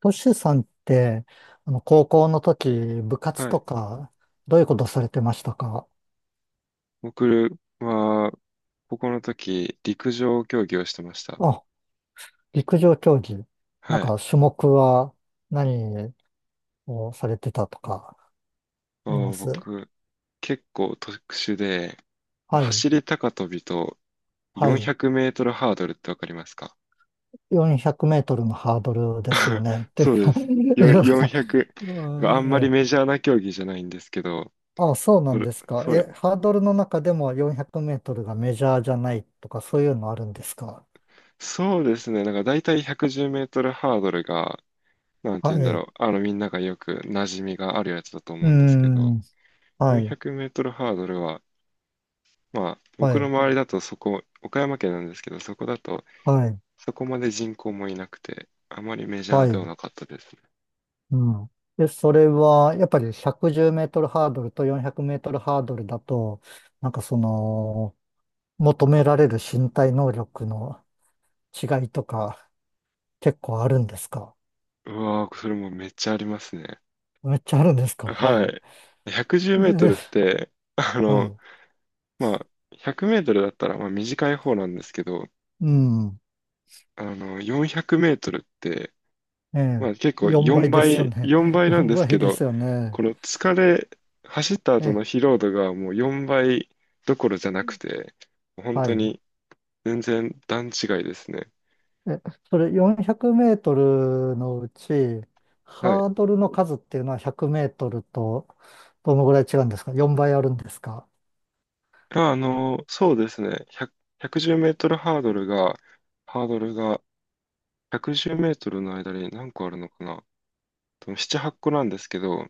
トシさんって、高校の時、部活はとい。か、どういうことされてましたか？僕は、高校の時、陸上競技をしてました。あ、陸上競技。なんはい。か、種目は何をされてたとか、あります？僕、結構特殊で、はい、走り高跳びとは400い。メートルハードルってわかりますか？ 400メートルのハードルですよ ね。っていうそうでか、す。なんか、400、よんひゃくうん、あんまりええ。メジャーな競技じゃないんですけど、あ、そうなそんれ、ですか。そえ、う、ハードルの中でも400メートルがメジャーじゃないとか、そういうのあるんですか？そうですね。なんか大体110メートルハードルが、なんては言うんい。だろうう。みんながよく馴染みがあるやつだとー思うんですけど、ん、は400メい、ートルハードルは、まあ、は僕のい、周りだとそこ、岡山県なんですけど、そこだと、はい。そこまで人口もいなくて、あまりメジャーはではい。なかったですね。うん。で、それは、やっぱり110メートルハードルと400メートルハードルだと、なんかその、求められる身体能力の違いとか、結構あるんですか？うわー、それもめっちゃありますね。めっちゃあるんですか？ははい。い。110メートルっで、て、はい。まあ、100メートルだったらまあ短い方なんですけど、うん。400メートルって、えまあ結え。構4 4倍ですよ倍、ね。4 倍なん4です倍けでど、すよね。この疲れ、走った後え、の疲労度がもう4倍どころじゃなくて、本は当い。に全然段違いですね。え、それ400メートルのうち、はい。ハードルの数っていうのは100メートルと、どのぐらい違うんですか？ 4 倍あるんですか？そうですね。100、1 0メートルハードルが、ハードルが110メートルの間に何個あるのかな。多分7、8個なんですけど、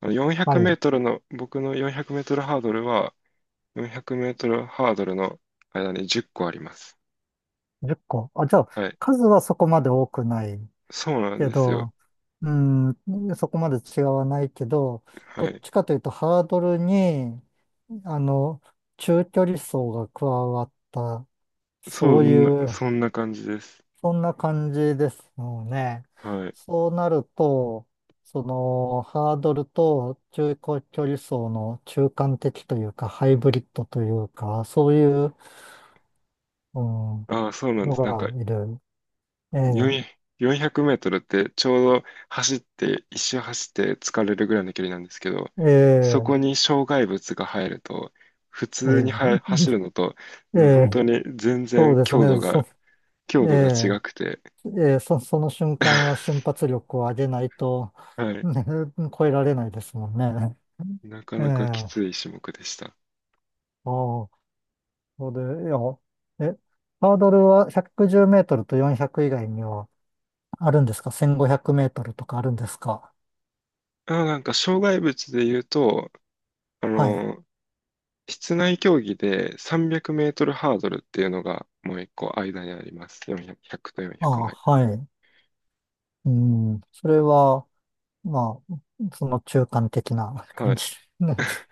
よんひゃはくメーい、トルの、僕の400メートルハードルは、400メートルハードルの間に10個あります。10個。あ、じゃあ、はい。数はそこまで多くないそうなんけですよ。ど、うん、そこまで違わないけど、どはっい。ちかというとハードルに、あの、中距離走が加わった、そそうんな、いう、そんな感じです。そんな感じですよね。はい。そうなると、ハードルと中距離走の中間的というか、ハイブリッドというか、そういう、うん、ああ、そうなんのです。なんかがいる。ええ400 4メートルってちょうど走って、一周走って疲れるぐらいの距離なんですけど、そこええに障害物が入ると、普通にえは走るのと、え、え本え、当に全そ然うです強度ね。が、え強度がえ、違くて、ええ、その瞬間は瞬 発力を上げないと、は い。ね、超えられないですもんね。なかええ、なかきああ、つい種目でした。そうで、いや、え、ハードルは110メートルと400以外にはあるんですか？ 1500 メートルとかあるんですか？あ、なんか障害物で言うと、あはい。の、室内競技で300メートルハードルっていうのがもう一個間にあります。400とあ400のあ、間。はい。うん、それは、まあ、その中間的なは感い。じなんです。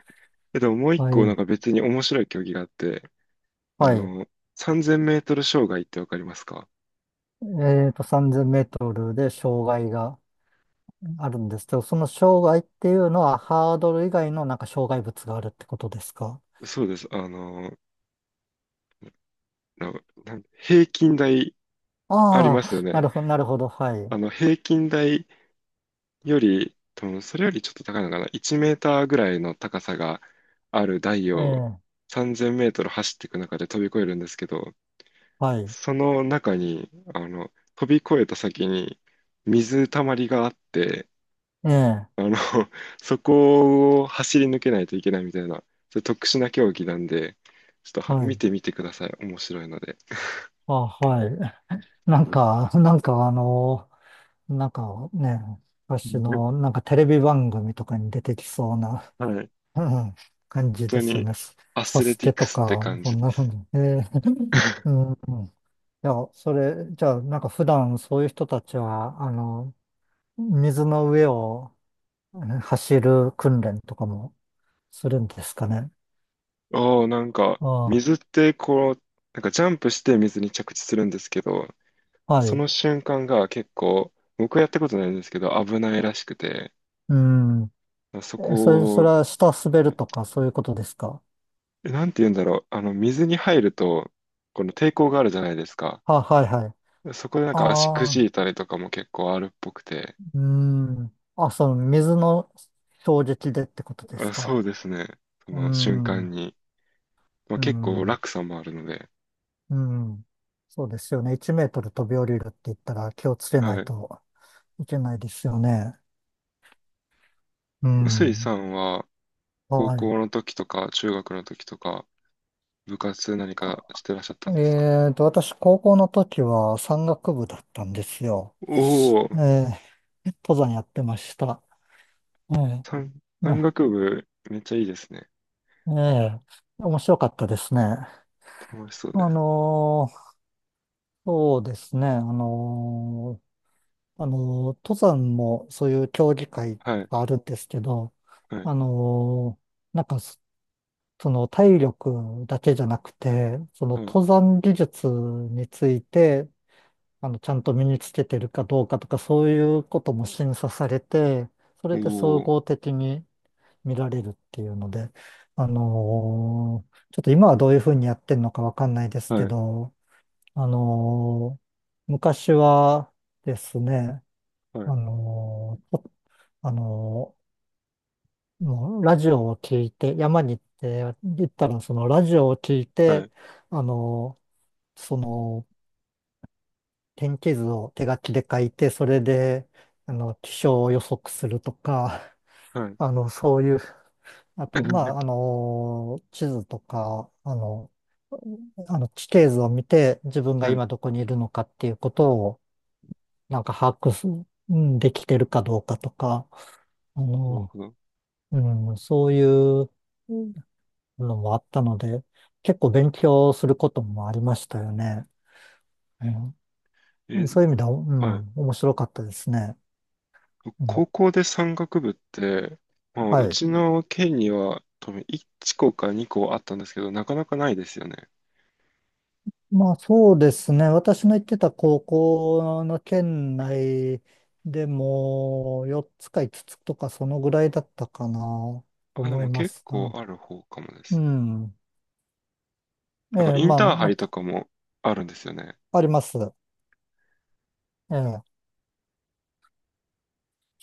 え、でももう一は個なんい。か別に面白い競技があって、あはい。の、3000メートル障害ってわかりますか？3 0メートルで障害があるんですけど、その障害っていうのはハードル以外のなんか障害物があるってことですか？そうです。あの、な、なん平均台ありあますよあ、なね。るほど、なるほど、はい。平均台より、多分それよりちょっと高いのかな。1メーターぐらいの高さがある台えをえ、3000メートル走っていく中で飛び越えるんですけど、はい。その中に、飛び越えた先に水たまりがあって、ええ、あの、そこを走り抜けないといけないみたいな、ちょっと特殊な競技なんで、ちょっとはは見い。てみてください。面白いので。あ、はい。なんか、なんかね、私うん、のなんかテレビ番組とかに出てきそうな、はい。うん、感本じで当すよにね。アサスレスティケックとスってか、感そじんでな感す。じ。ええ、うん。うん、いや、それ、じゃあ、なんか普段そういう人たちは、水の上を走る訓練とかもするんですかね。ああ、なんか、あ水ってこう、なんかジャンプして水に着地するんですけど、あ、はそい。の瞬間が結構、僕はやったことないんですけど、危ないらしくて、うん。そえそれ、こそを、れは下滑るえとかそういうことですか。なんて言うんだろう。水に入ると、この抵抗があるじゃないですか。はい、はい。そこでなんか足くああ、じいたりとかも結構あるっぽくて、うん。あ、その水の衝撃でってことですあ、か。そうですね。そうの瞬間ん、に。まあ、う結構ん、落差もあるので。うん。そうですよね。1メートル飛び降りるって言ったら気をつけはないい。といけないですよね。う臼井さん。んは高はい。校の時とか中学の時とか部活何かしてらっしゃったんですか？私、高校の時は山岳部だったんですよ。おおえー、え、登山やってました。ええ山、山な、岳部めっちゃいいですね。ええ、面白かったですね。楽しそうであす。のーそうですね。ーあの登山もそういう競技会はい、があるんですけど、はい、あのーなんかその体力だけじゃなくて、そのはい。登山技術について、ちゃんと身につけてるかどうかとか、そういうことも審査されて、そおれで総お、合的に見られるっていうので、ちょっと今はどういうふうにやってるのかわかんないですはけい、ど、あのー昔はですね、はい、あのーとあのーもうラジオを聞いて、山に行って、行ったらそのラジオを聞いはて、い、あのその天気図を手書きで書いて、それで、気象を予測するとか、はい。そういう、あと、まあ、地図とか、あの地形図を見て、自分がはい、な今どこにいるのかっていうことを、なんか把握す、うん、できてるかどうかとか、あるの、ほど。うん、そういう、うん、のもあったので、結構勉強することもありましたよね。うん、え、そういう意味では、うはい。ん、面白かったですね。あ高の校で山岳部って、まあ、うはい。ちの県には多分1校か2校あったんですけど、なかなかないですよね。まあ、そうですね。私の行ってた高校の県内でも4つか5つつとかそのぐらいだったかなとあ、で思いもま結す。構うある方かもでん。すうね。ん、えなんかえ、インまあ、ターハまイとかもあるんですよね。あ、あります。ええ。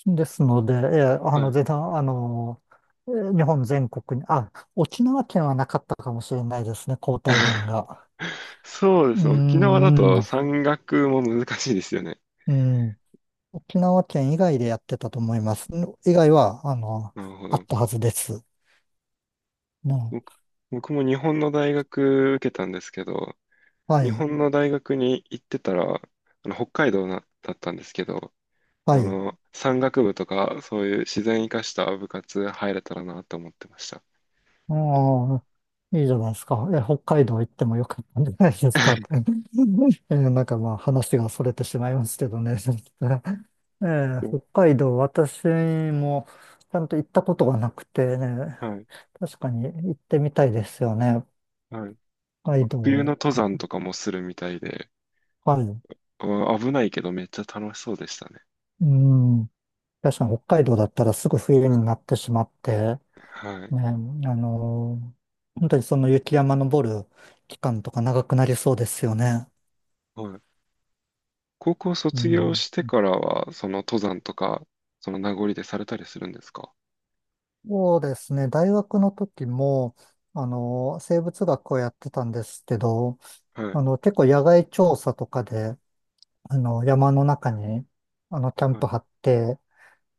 ですので、ええ、はい。全然、ええ、日本全国に、あ、沖縄県はなかったかもしれないですね、交代連 が。そうでうすね。沖縄だん、うとん、山岳も難しいですよね。うん。沖縄県以外でやってたと思います。以外は、なるほあっど。たはずです。な僕、僕も日本の大学受けたんですけど、は日い、本の大学に行ってたら、あの北海道なだったんですけど、はい。山岳部とか、そういう自然生かした部活入れたらなと思ってました。ああ、いいじゃないですか。え、北海道行ってもよかったんじゃないですかって。なんか、まあ、話が逸れてしまいますけどね。北海道、私もちゃんと行ったことがなくてね、はい、確かに行ってみたいですよね。はい。北海冬の道登か。山とかもするみたいで、はい。危ないけどめっちゃ楽しそうでしたね。うん。確かに北海道だったらすぐ冬になってしまって、はい、ね、の本当にその雪山登る期間とか長くなりそうですよね。はい。高校う卒業ん。してからは、その登山とか、その名残でされたりするんですか？そうですね。大学の時も、生物学をやってたんですけど、はい、結構野外調査とかで、山の中に、キャンはプ張い。って、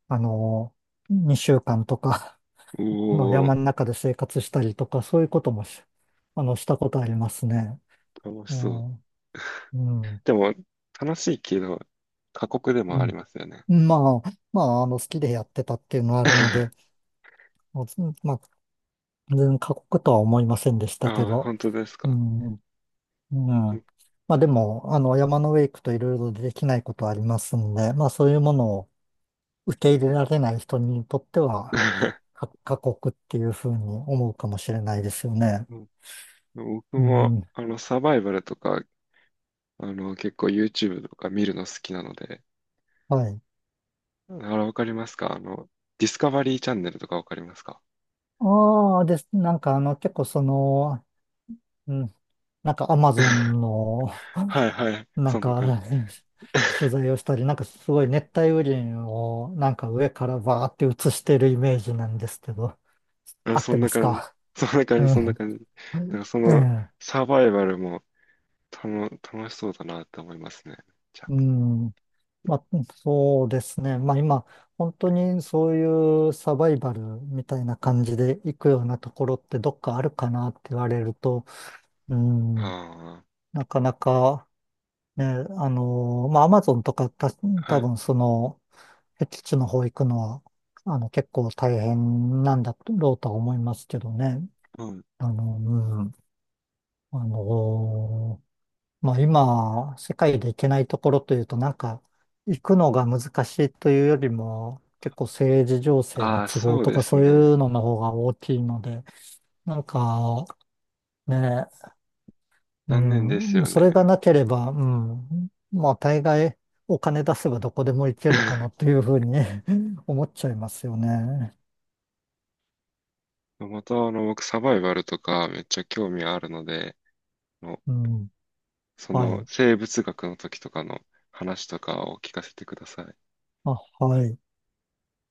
あの2週間とか お お、山の中で生活したりとか、そういうこともしたことありますね。楽うしそう。ん。うん。でも、楽しいけど、過酷でうもありん、ますよね。まあ、まあ、好きでやってたっていうのはあるので、もうずまあ、全然過酷とは思いませんでしたけああ、ど、本当ですうか。ん、うん。うん。 まあでも、山の上行くといろいろできないことはありますんで、まあそういうものを受け入れられない人にとっては、過酷っていうふうに思うかもしれないですよね。僕うも、ん、サバイバルとか、結構 YouTube とか見るの好きなので、はい。あら、わかりますか？ディスカバリーチャンネルとかわかりますか？ ああ、です。なんか結構うん、なんかアマゾ ンのはいはい。なそんんなか 感じ。取材をしたり、なんかすごい熱帯雨林をなんか上からバーって映してるイメージなんですけど、あ、合っそてんまなす感じ。か？そんなえ感じ、そんなえ、 感じ。だからそ えの、え、サバイバルも、楽しそうだなって思いますね。じゃうん。まあ、そうですね。まあ今、本当にそういうサバイバルみたいな感じで行くようなところってどっかあるかなって言われると、うん、あ。あなかなか、ね、まあアマゾンとかたあ、は多い。分その、僻地の方行くのは、結構大変なんだろうとは思いますけどね。うん。うん。あのーまあ、今、世界で行けないところというと、なんか、行くのが難しいというよりも、結構政治情勢のああ、都合そうとでかすそういね。うのの方が大きいので、なんか、ね、残念ですうん、よそれがね。なければ、うん、まあ、大概、お金出せばどこでも行けるかなと いうふうに 思っちゃいますよね。また、僕、サバイバルとかめっちゃ興味あるので、あのうん。そはのい。生物学の時とかの話とかを聞かせてください。あ、はい。